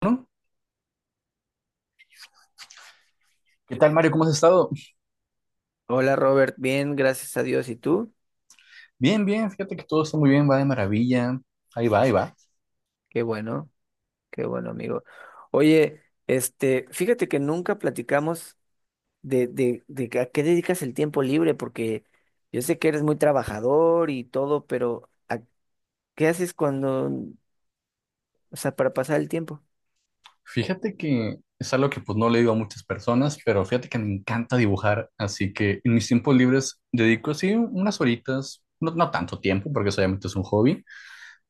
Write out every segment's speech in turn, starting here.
Bueno, ¿qué tal, Mario? ¿Cómo has estado? Hola Robert, bien, gracias a Dios. ¿Y tú? Bien, bien, fíjate que todo está muy bien, va de maravilla. Ahí va, ahí va. Qué bueno, qué bueno, amigo. Oye, fíjate que nunca platicamos de, de que a qué dedicas el tiempo libre, porque yo sé que eres muy trabajador y todo, pero ¿a qué haces cuando, o sea, para pasar el tiempo? Fíjate que es algo que pues no le digo a muchas personas, pero fíjate que me encanta dibujar, así que en mis tiempos libres dedico así unas horitas, no, no tanto tiempo, porque eso obviamente es un hobby,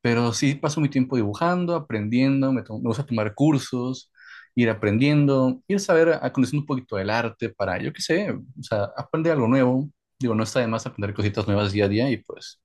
pero sí paso mi tiempo dibujando, aprendiendo, me gusta tomar cursos, ir aprendiendo, ir a saber, a conocer un poquito del arte para, yo qué sé, o sea, aprender algo nuevo. Digo, no está de más aprender cositas nuevas día a día y pues...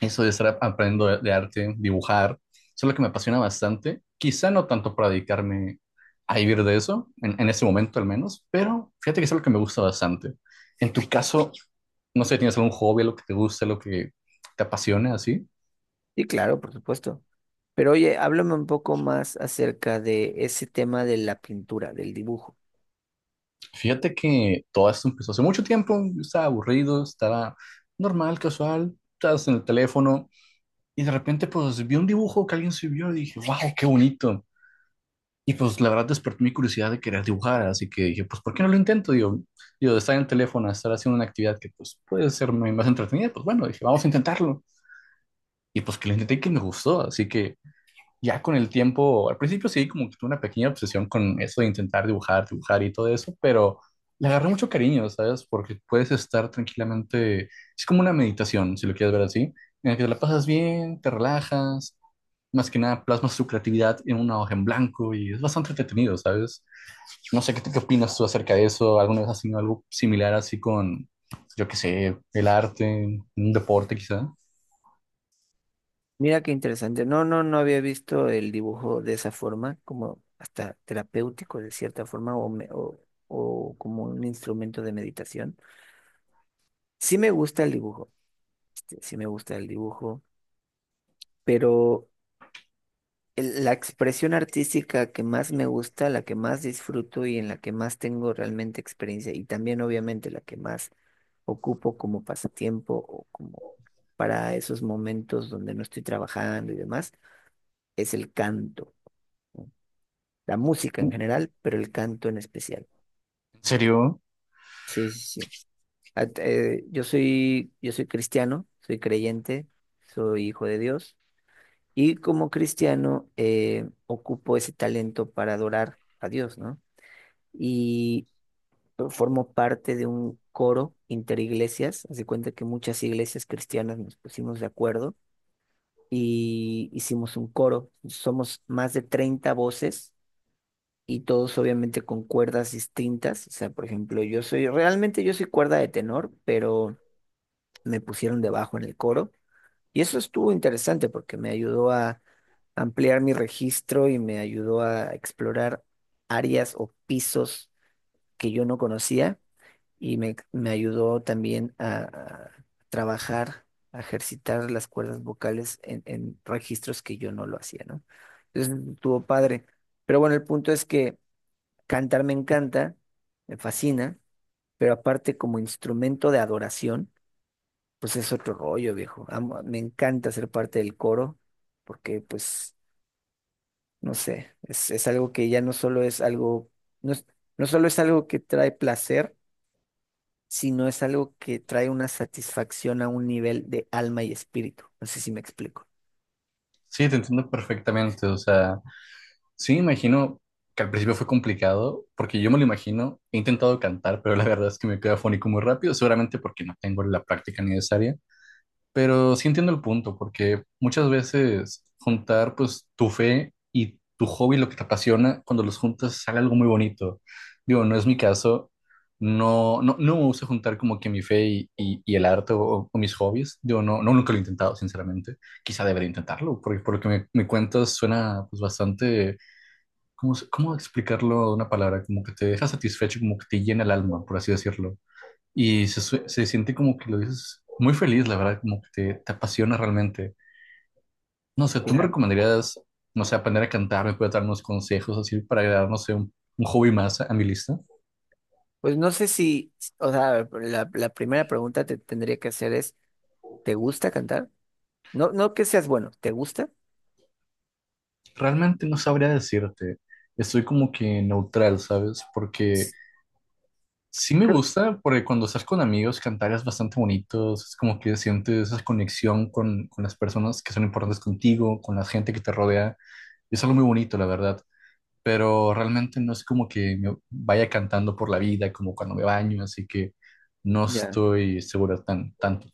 Eso de estar aprendiendo de arte, dibujar, eso es lo que me apasiona bastante. Quizá no tanto para dedicarme a vivir de eso, en este momento al menos, pero fíjate que eso es lo que me gusta bastante. En tu caso, no sé, ¿tienes algún hobby, lo que te guste, lo que te apasione así? Sí, claro, por supuesto. Pero oye, háblame un poco más acerca de ese tema de la pintura, del dibujo. Fíjate que todo esto empezó hace mucho tiempo, yo estaba aburrido, estaba normal, casual, estabas en el teléfono y de repente pues vi un dibujo que alguien subió y dije, wow, qué bonito. Y pues la verdad despertó mi curiosidad de querer dibujar, así que dije, pues ¿por qué no lo intento? Digo, de estar en el teléfono, a estar haciendo una actividad que pues puede ser muy más entretenida, pues bueno, dije, vamos a intentarlo. Y pues que lo intenté y que me gustó, así que ya con el tiempo, al principio sí, como que tuve una pequeña obsesión con eso de intentar dibujar, dibujar y todo eso, pero le agarré mucho cariño, ¿sabes? Porque puedes estar tranquilamente, es como una meditación, si lo quieres ver así, en la que te la pasas bien, te relajas, más que nada plasmas tu creatividad en una hoja en blanco y es bastante entretenido, ¿sabes? No sé qué opinas tú acerca de eso, ¿alguna vez has tenido algo similar así con, yo qué sé, el arte, un deporte quizá? Mira qué interesante. No, no, no había visto el dibujo de esa forma, como hasta terapéutico de cierta forma o como un instrumento de meditación. Sí me gusta el dibujo, sí me gusta el dibujo, pero la expresión artística que más me gusta, la que más disfruto y en la que más tengo realmente experiencia y también obviamente la que más ocupo como pasatiempo o como para esos momentos donde no estoy trabajando y demás, es el canto. La música en ¿En general, pero el canto en especial. serio? Sí, sí, sí. Yo soy cristiano, soy creyente, soy hijo de Dios y como cristiano ocupo ese talento para adorar a Dios, ¿no? Y formo parte de un coro interiglesias, haz de cuenta que muchas iglesias cristianas nos pusimos de acuerdo y hicimos un coro. Somos más de 30 voces y todos obviamente con cuerdas distintas. O sea, por ejemplo, yo soy, realmente yo soy cuerda de tenor, pero me pusieron de bajo en el coro. Y eso estuvo interesante porque me ayudó a ampliar mi registro y me ayudó a explorar áreas o pisos que yo no conocía y me ayudó también a trabajar, a ejercitar las cuerdas vocales en registros que yo no lo hacía, ¿no? Entonces estuvo padre. Pero bueno, el punto es que cantar me encanta, me fascina, pero aparte como instrumento de adoración, pues es otro rollo, viejo. Me encanta ser parte del coro, porque pues, no sé, es algo que ya no solo es algo, no es- no solo es algo que trae placer, sino es algo que trae una satisfacción a un nivel de alma y espíritu. No sé si me explico. Sí, te entiendo perfectamente, o sea... Sí, me imagino que al principio fue complicado, porque yo me lo imagino, he intentado cantar, pero la verdad es que me quedo afónico muy rápido, seguramente porque no tengo la práctica necesaria, pero sí entiendo el punto, porque muchas veces juntar pues tu fe y tu hobby, lo que te apasiona, cuando los juntas sale algo muy bonito. Digo, no es mi caso, no, no, no me gusta juntar como que mi fe y el arte o mis hobbies, digo, no, no, nunca lo he intentado, sinceramente, quizá debería intentarlo, porque por lo que me cuentas suena pues bastante. ¿Cómo, cómo explicarlo de una palabra? Como que te deja satisfecho, como que te llena el alma, por así decirlo. Se siente como que lo dices muy feliz, la verdad, como que te apasiona realmente. No sé, ¿tú me Claro. recomendarías, no sé, aprender a cantar? ¿Me puedes dar unos consejos así para agregar, no sé, un hobby más a mi lista? Pues no sé si, o sea, la primera pregunta que te tendría que hacer es, ¿te gusta cantar? No, no que seas bueno, ¿te gusta? Realmente no sabría decirte. Estoy como que neutral, ¿sabes? Porque sí me Cre- gusta, porque cuando estás con amigos cantar es bastante bonito, es como que sientes esa conexión con las personas que son importantes contigo, con la gente que te rodea, y es algo muy bonito, la verdad, pero realmente no es como que me vaya cantando por la vida, como cuando me baño, así que no ya. estoy seguro tanto.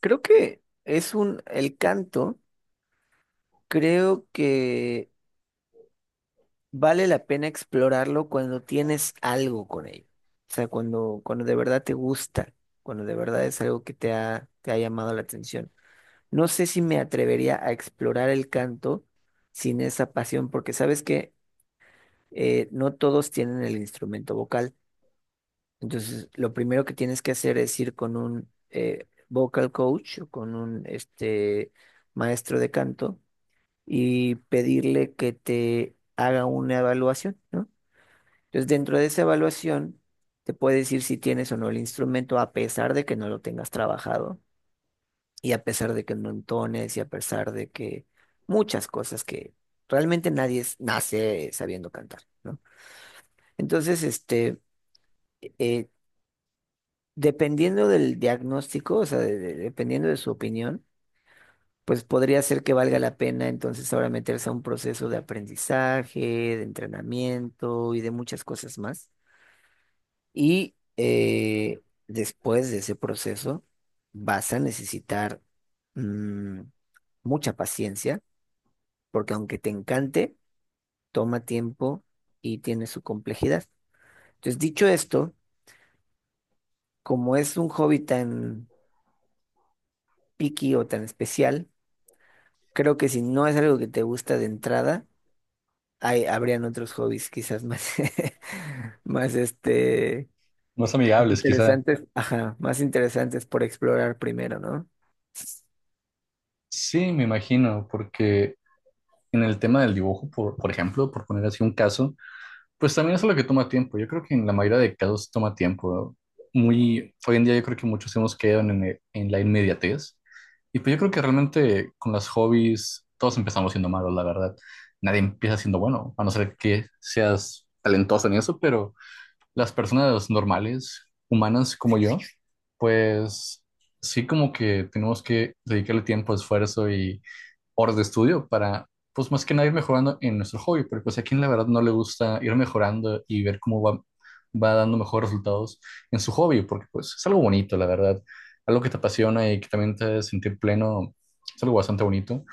Creo que es un, el canto, creo que vale la pena explorarlo cuando tienes algo con ello. O sea, cuando de verdad te gusta, cuando de verdad es algo que te ha llamado la atención. No sé si me atrevería a explorar el canto sin esa pasión, porque sabes que no todos tienen el instrumento vocal. Entonces, lo primero que tienes que hacer es ir con un vocal coach, o con un maestro de canto, y pedirle que te haga una evaluación, ¿no? Entonces, dentro de esa evaluación, te puede decir si tienes o no el instrumento, a pesar de que no lo tengas trabajado, y a pesar de que no entones, y a pesar de que muchas cosas que realmente nadie es- nace sabiendo cantar, ¿no? Entonces, eh, dependiendo del diagnóstico, o sea, dependiendo de su opinión, pues podría ser que valga la pena entonces ahora meterse a un proceso de aprendizaje, de entrenamiento y de muchas cosas más. Y después de ese proceso vas a necesitar mm, mucha paciencia, porque aunque te encante, toma tiempo y tiene su complejidad. Entonces, dicho esto, como es un hobby tan picky o tan especial, creo que si no es algo que te gusta de entrada, habrían otros hobbies quizás más, más Más más amigables, quizá. interesantes, ajá, más interesantes por explorar primero, ¿no? Sí, me imagino, porque en el tema del dibujo, por ejemplo, por poner así un caso, pues también eso es lo que toma tiempo. Yo creo que en la mayoría de casos toma tiempo. Muy, hoy en día yo creo que muchos hemos quedado en la inmediatez. Y pues yo creo que realmente con las hobbies todos empezamos siendo malos, la verdad. Nadie empieza siendo bueno, a no ser que seas talentoso en eso, pero las personas normales, humanas como yo, pues sí, como que tenemos que dedicarle tiempo, esfuerzo y horas de estudio para, pues más que nada ir mejorando en nuestro hobby, pero pues a quien la verdad no le gusta ir mejorando y ver cómo va, va dando mejores resultados en su hobby, porque pues es algo bonito, la verdad, algo que te apasiona y que también te hace sentir pleno, es algo bastante bonito.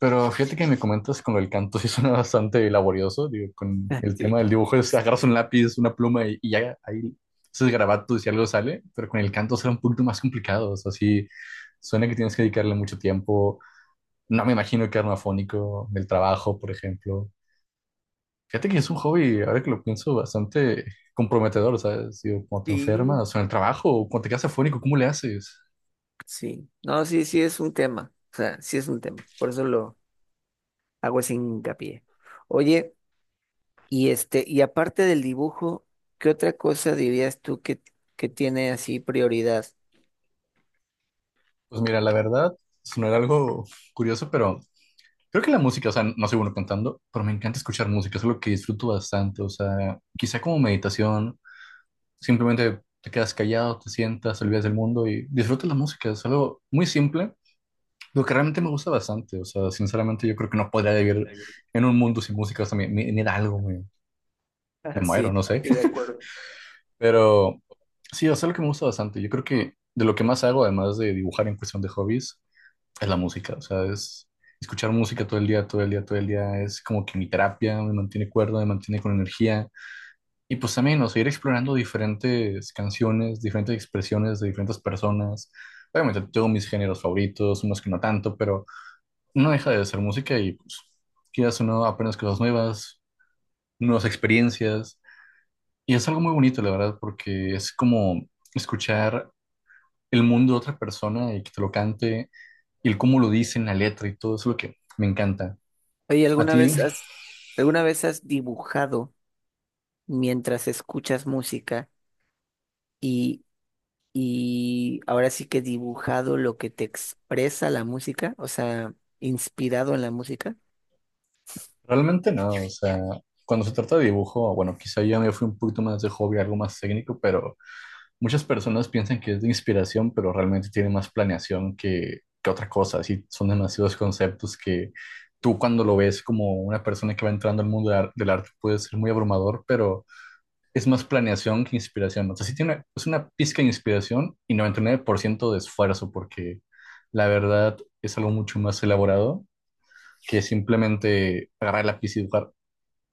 Pero fíjate que me comentas con el canto, sí suena bastante laborioso, digo, con el tema Sí, del dibujo, es agarras un lápiz, una pluma y ya ahí haces garabatos y algo sale, pero con el canto será un poquito más complicado, o sea, sí, suena que tienes que dedicarle mucho tiempo, no me imagino quedarme afónico del trabajo, por ejemplo. Fíjate que es un hobby, ahora que lo pienso, bastante comprometedor, ¿sabes? Digo, cuando te sí. enfermas, o en el trabajo, o cuando te quedas afónico, ¿cómo le haces? Sí. No, sí, sí es un tema. O sea, sí es un tema. Por eso lo hago ese hincapié. Oye, y y aparte del dibujo, ¿qué otra cosa dirías tú que tiene así prioridad? Pues mira, la verdad, si no era algo curioso, pero creo que la música, o sea, no soy bueno cantando, pero me encanta escuchar música, es algo que disfruto bastante, o sea, quizá como meditación, simplemente te quedas callado, te sientas, te olvidas del mundo y disfrutas la música, es algo muy simple. Lo que realmente me gusta bastante, o sea, sinceramente yo creo que no podría vivir en un mundo sin música, o sea, me da algo, me muero, Sí, no sé. estoy de acuerdo. Pero sí, o sea, lo que me gusta bastante, yo creo que de lo que más hago, además de dibujar en cuestión de hobbies, es la música, o sea, es escuchar música todo el día, todo el día, todo el día, es como que mi terapia, me mantiene cuerdo, me mantiene con energía. Y pues también, o sea, ir explorando diferentes canciones, diferentes expresiones de diferentes personas. Obviamente tengo mis géneros favoritos, unos que no tanto, pero no deja de ser música y pues quieras o no, aprendes cosas nuevas, nuevas experiencias. Y es algo muy bonito, la verdad, porque es como escuchar el mundo de otra persona y que te lo cante, y el cómo lo dice en la letra y todo eso es lo que me encanta. Oye, A ti, alguna vez has dibujado mientras escuchas música y, y ahora sí que dibujado lo que te expresa la música, o sea, inspirado en la música? realmente no, o sea, cuando se trata de dibujo, bueno, quizá ya me fui un poquito más de hobby, algo más técnico, pero muchas personas piensan que es de inspiración, pero realmente tiene más planeación que otra cosa. Así son demasiados conceptos que tú cuando lo ves como una persona que va entrando al mundo de del arte puede ser muy abrumador, pero es más planeación que inspiración. O sea, sí tiene es una pizca de inspiración y 99% de esfuerzo, porque la verdad es algo mucho más elaborado que simplemente agarrar el lápiz y dibujar.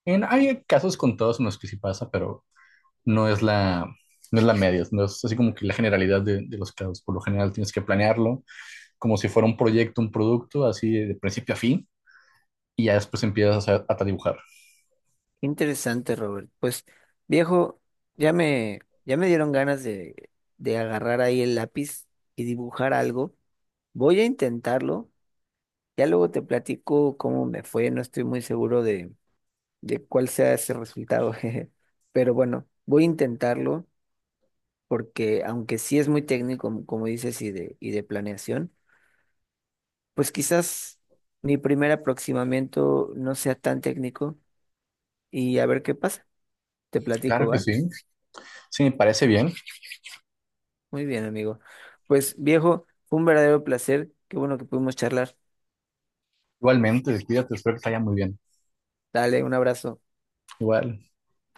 En, hay casos contados en los que sí pasa, pero no es la, no es la media, no es así como que la generalidad de los casos. Por lo general tienes que planearlo como si fuera un proyecto, un producto, así de principio a fin, y ya después empiezas a dibujar. Qué interesante, Robert. Pues, viejo, ya me, ya me dieron ganas de agarrar ahí el lápiz y dibujar algo. Voy a intentarlo. Ya luego te platico cómo me fue. No estoy muy seguro de cuál sea ese resultado, jeje. Pero bueno, voy a intentarlo. Porque aunque sí es muy técnico, como dices, y de planeación, pues quizás mi primer aproximamiento no sea tan técnico y a ver qué pasa. Te platico, Claro que ¿va? sí, sí, me parece bien. Muy bien, amigo. Pues viejo, fue un verdadero placer. Qué bueno que pudimos charlar. Igualmente, cuídate, espero que te vaya muy bien. Dale, un abrazo. Igual.